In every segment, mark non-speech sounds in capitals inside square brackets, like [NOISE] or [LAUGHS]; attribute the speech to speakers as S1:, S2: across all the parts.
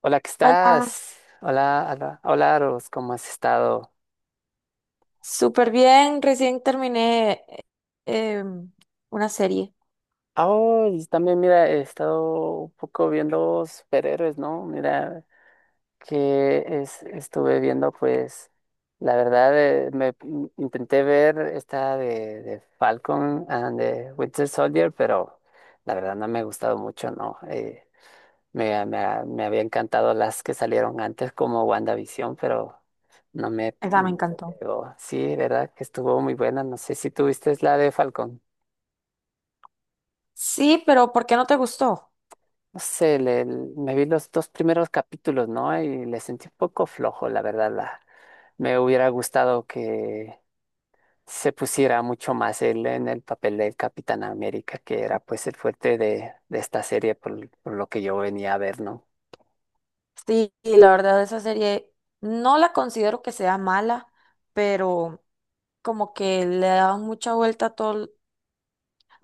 S1: Hola, ¿qué
S2: Hola,
S1: estás? Hola, hola, hola, Aros, ¿cómo has estado?
S2: súper bien. Recién terminé em, una serie.
S1: Ah, oh, y también, mira, he estado un poco viendo superhéroes, ¿no? Mira, que es, estuve viendo, pues, la verdad, me intenté ver esta de Falcon and the Winter Soldier, pero la verdad no me ha gustado mucho, ¿no? Me, me, me había encantado las que salieron antes como WandaVision, pero no me
S2: Esa me
S1: no me
S2: encantó.
S1: pegó. Sí, verdad que estuvo muy buena. No sé si tuviste la de Falcon.
S2: Sí, pero ¿por qué no te gustó?
S1: No sé, me vi los dos primeros capítulos, ¿no? Y le sentí un poco flojo, la verdad. Me hubiera gustado que se pusiera mucho más él en el papel del Capitán América, que era pues el fuerte de esta serie por lo que yo venía a ver, ¿no?
S2: Sí, y la verdad, esa serie no la considero que sea mala, pero como que le dan mucha vuelta a todo.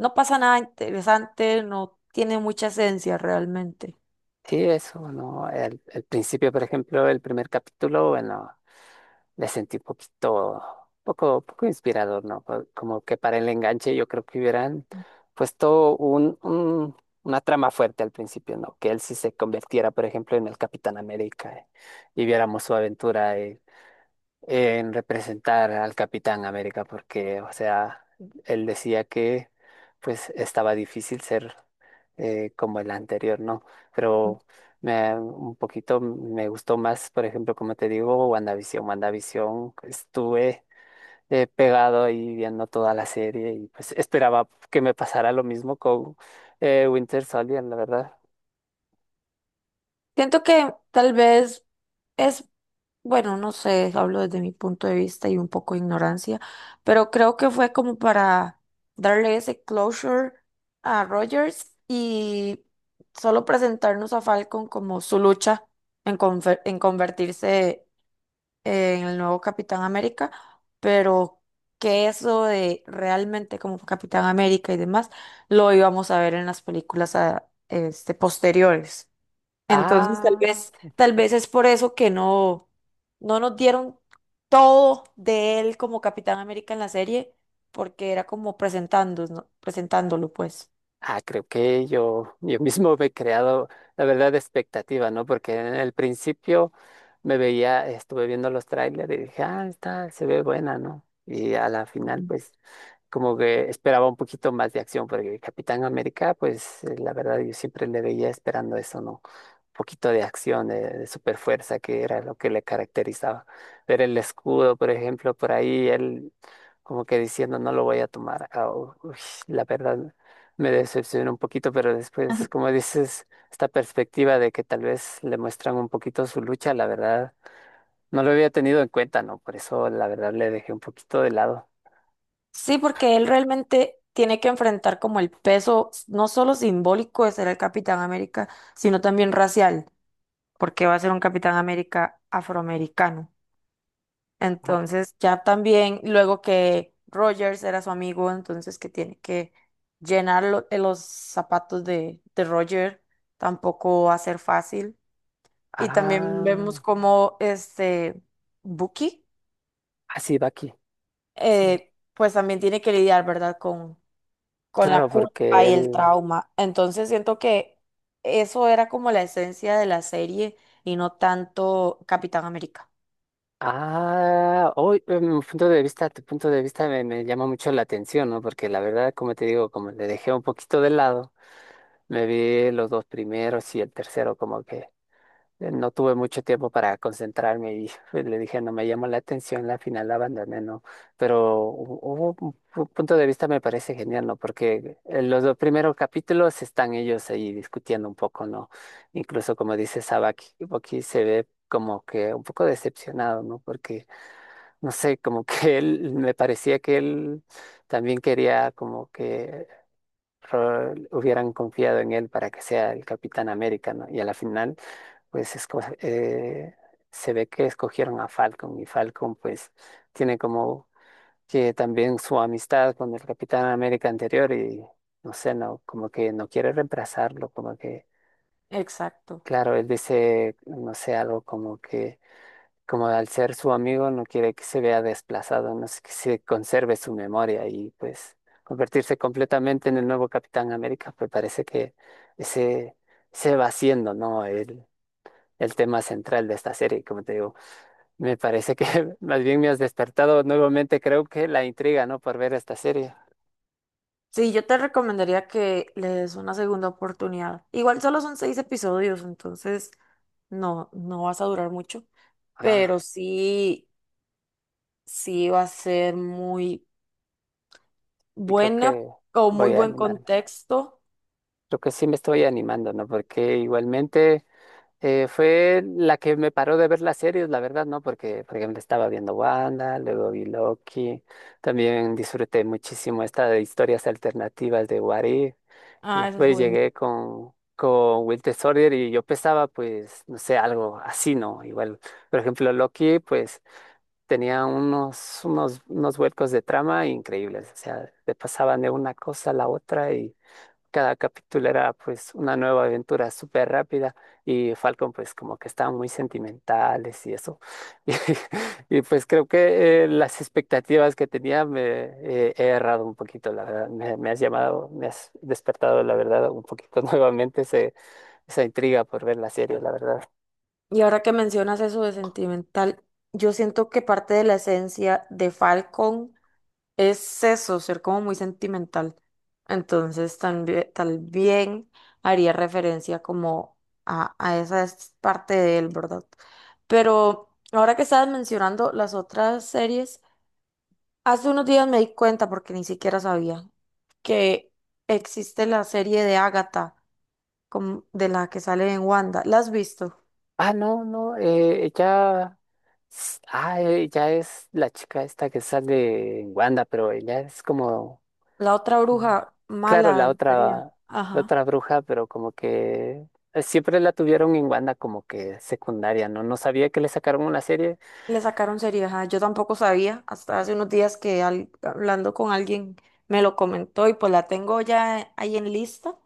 S2: No pasa nada interesante, no tiene mucha esencia realmente.
S1: Sí, eso, ¿no? El principio, por ejemplo, el primer capítulo, bueno, le sentí un poquito, poco inspirador, ¿no? Como que para el enganche yo creo que hubieran puesto una trama fuerte al principio, ¿no? Que él sí se convirtiera, por ejemplo, en el Capitán América, y viéramos su aventura, en representar al Capitán América porque, o sea, él decía que pues estaba difícil ser como el anterior, ¿no? Pero un poquito me gustó más, por ejemplo, como te digo, WandaVision. WandaVision estuve pegado ahí viendo toda la serie y pues esperaba que me pasara lo mismo con Winter Soldier, la verdad.
S2: Siento que tal vez es, bueno, no sé, hablo desde mi punto de vista y un poco de ignorancia, pero creo que fue como para darle ese closure a Rogers y solo presentarnos a Falcon como su lucha en convertirse en el nuevo Capitán América, pero que eso de realmente como Capitán América y demás lo íbamos a ver en las películas este, posteriores. Entonces,
S1: Ah.
S2: tal vez es por eso que no, no nos dieron todo de él como Capitán América en la serie, porque era como presentándonos, presentándolo, pues.
S1: Ah, creo que yo mismo me he creado, la verdad, expectativa, ¿no? Porque en el principio me veía, estuve viendo los trailers y dije, ah, esta se ve buena, ¿no? Y a la final, pues, como que esperaba un poquitito más de acción, porque Capitán América, pues, la verdad, yo siempre le veía esperando eso, ¿no? Poquito de acción, de super fuerza que era lo que le caracterizaba. Pero el escudo, por ejemplo, por ahí él como que diciendo no lo voy a tomar. Ah, uy, la verdad me decepcionó un poquito, pero
S2: Ajá.
S1: después, como dices, esta perspectiva de que tal vez le muestran un poquito su lucha, la verdad no lo había tenido en cuenta, ¿no? Por eso la verdad le dejé un poquito de lado.
S2: Sí, porque él realmente tiene que enfrentar como el peso, no solo simbólico de ser el Capitán América, sino también racial, porque va a ser un Capitán América afroamericano.
S1: Ah,
S2: Entonces ya también, luego que Rogers era su amigo, entonces que tiene que llenar los zapatos de Roger, tampoco va a ser fácil. Y también
S1: ah,
S2: vemos como este Bucky,
S1: ah, sí, Baki, sí.
S2: pues también tiene que lidiar, ¿verdad? Con
S1: Claro,
S2: la culpa
S1: porque
S2: y el
S1: él.
S2: trauma. Entonces siento que eso era como la esencia de la serie y no tanto Capitán América.
S1: Ah, hoy, punto de vista, tu punto de vista me llama mucho la atención, ¿no? Porque la verdad, como te digo, como le dejé un poquito de lado, me vi los dos primeros y el tercero, como que no tuve mucho tiempo para concentrarme y [LAUGHS] pues, le dije, no me llamó la atención, la final la abandoné, ¿no? Pero hubo un punto de vista me parece genial, ¿no? Porque en los dos primeros capítulos están ellos ahí discutiendo un poco, ¿no? Incluso como dice Sabaki, Boki se ve como que un poco decepcionado, ¿no? Porque no sé, como que él, me parecía que él también quería como que hubieran confiado en él para que sea el Capitán América, ¿no? Y a la final, pues se ve que escogieron a Falcon y Falcon pues tiene como que también su amistad con el Capitán América anterior y no sé, no, como que no quiere reemplazarlo, como que,
S2: Exacto.
S1: claro, él dice, no sé, algo como que como al ser su amigo no quiere que se vea desplazado, no sé, que se conserve su memoria y pues convertirse completamente en el nuevo Capitán América, pues parece que ese se va siendo, ¿no? El tema central de esta serie, como te digo, me parece que [LAUGHS] más bien me has despertado nuevamente, creo que la intriga, ¿no? Por ver esta serie.
S2: Sí, yo te recomendaría que le des una segunda oportunidad. Igual solo son 6 episodios, entonces no, no vas a durar mucho,
S1: Ah,
S2: pero sí, sí va a ser muy
S1: y creo
S2: buena
S1: que
S2: o muy
S1: voy a
S2: buen
S1: animarme.
S2: contexto.
S1: Creo que sí me estoy animando, ¿no? Porque igualmente... Fue la que me paró de ver las series, la verdad, ¿no? Porque, por ejemplo, estaba viendo Wanda, luego vi Loki. También disfruté muchísimo esta de historias alternativas de What If. Y
S2: Ah, eso es
S1: después llegué
S2: juvenil.
S1: con Winter Soldier y yo pensaba, pues, no sé, algo así, ¿no? Igual, por ejemplo, Loki, pues, tenía unos huecos de trama increíbles. O sea, te pasaban de una cosa a la otra y cada capítulo era pues una nueva aventura súper rápida y Falcon pues como que estaban muy sentimentales y eso. [LAUGHS] Pues creo que las expectativas que tenía me he errado un poquito, la verdad. Me has llamado, me has despertado la verdad un poquito [LAUGHS] nuevamente esa intriga por ver la serie, la verdad.
S2: Y ahora que mencionas eso de sentimental, yo siento que parte de la esencia de Falcon es eso, ser como muy sentimental. Entonces, también, tal bien haría referencia como a esa es parte de él, ¿verdad? Pero ahora que estabas mencionando las otras series, hace unos días me di cuenta, porque ni siquiera sabía, que existe la serie de Agatha, de la que sale en Wanda. ¿La has visto?
S1: Ah, no, no, ella, ah, ella es la chica esta que sale en Wanda, pero ella es como
S2: La otra
S1: como-
S2: bruja
S1: claro,
S2: mala, sería.
S1: la
S2: Ajá.
S1: otra bruja, pero como que siempre la tuvieron en banda como que secundaria, ¿no? No sabía que le sacaron una serie.
S2: Le sacaron serias. Ajá. Yo tampoco sabía hasta hace unos días que hablando con alguien me lo comentó y pues la tengo ya ahí en lista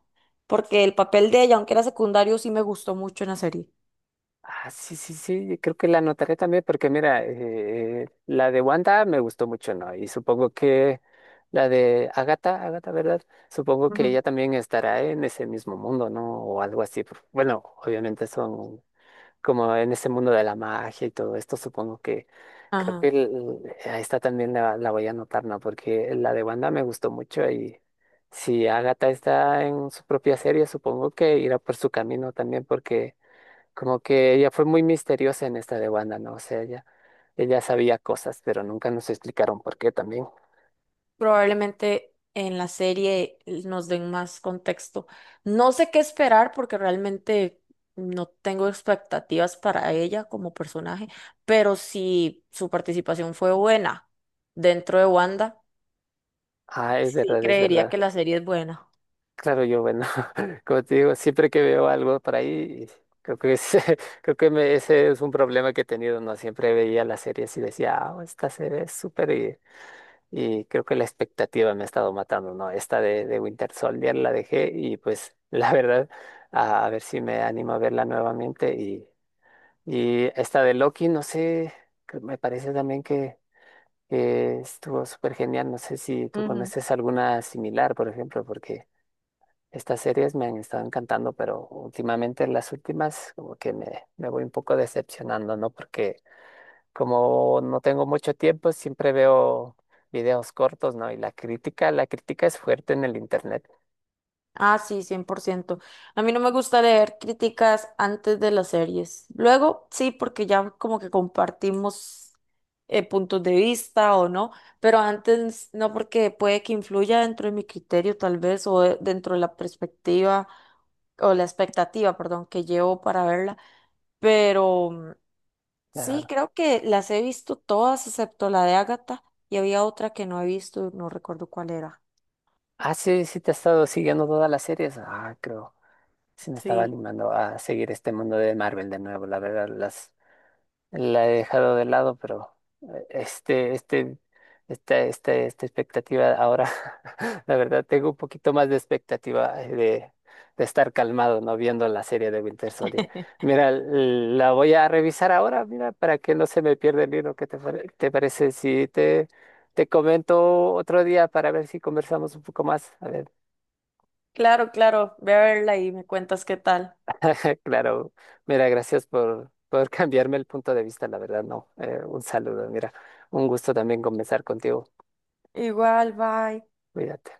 S2: porque el papel de ella, aunque era secundario, sí me gustó mucho en la serie.
S1: Ah, sí, sí, sí, creo que la anotaré también porque mira, la de Wanda me gustó mucho, ¿no? Y supongo que la de Agatha, Agatha, ¿verdad? Supongo que
S2: Ujú.
S1: ella también estará en ese mismo mundo, ¿no? O algo así. Bueno, obviamente son como en ese mundo de la magia y todo esto, supongo que creo que
S2: Ajá.
S1: a esta también la voy a anotar, ¿no? Porque la de Wanda me gustó mucho y si Agatha está en su propia serie, supongo que irá por su camino también, porque como que ella fue muy misteriosa en esta de Wanda, ¿no? O sea, ella sabía cosas, pero nunca nos explicaron por qué también.
S2: Probablemente en la serie nos den más contexto. No sé qué esperar porque realmente no tengo expectativas para ella como personaje, pero si su participación fue buena dentro de Wanda,
S1: Ah, es
S2: sí
S1: verdad, es
S2: creería que
S1: verdad.
S2: la serie es buena.
S1: Claro, yo, bueno, [LAUGHS] como te digo, siempre que veo algo por ahí, creo que ese, [LAUGHS] creo que ese es un problema que he tenido, ¿no? Siempre veía las series y decía, ah, esta serie es súper y creo que la expectativa me ha estado matando, ¿no? Esta de Winter Soldier la dejé y pues [LAUGHS] la verdad, a ver si me animo a verla nuevamente y esta de Loki, no sé, que me parece también que estuvo súper genial, no sé si tú
S2: Ujú.
S1: conoces alguna similar, por ejemplo, porque... Estas series me han estado encantando, pero últimamente las últimas como que me voy un poco decepcionando, ¿no? Porque como no tengo mucho tiempo, siempre veo videos cortos, ¿no? Y la crítica es fuerte en el internet.
S2: Ah, sí, 100%. A mí no me gusta leer críticas antes de las series. Luego, sí, porque ya como que compartimos puntos de vista o no, pero antes no, porque puede que influya dentro de mi criterio tal vez o dentro de la perspectiva o la expectativa, perdón, que llevo para verla. Pero mm, sí,
S1: La...
S2: creo que las he visto todas excepto la de Agatha y había otra que no he visto, no recuerdo cuál era.
S1: Ah, sí, sí te has estado siguiendo todas las series. Ah, creo. Sí me estaba
S2: Sí.
S1: animando a seguir este mundo de Marvel de nuevo. La verdad, las la he dejado de lado, pero eh, este, este, esta, expectativa ahora, [LAUGHS] la verdad, tengo un poquito más de expectativa de estar calmado, ¿no? Viendo la serie de Winter Soldier. Mira, la voy a revisar ahora, mira, para que no se me pierda el libro. ¿Qué te, te parece si te comento otro día para ver si conversamos un poco más? A ver.
S2: Claro, claro, ve a verla y me cuentas qué tal.
S1: [LAUGHS] Claro, mira, gracias por [LAUGHS] cambiarme el punto de vista, la verdad, no. Un saludo, mira, un gusto también conversar contigo.
S2: Igual, bye.
S1: Cuídate.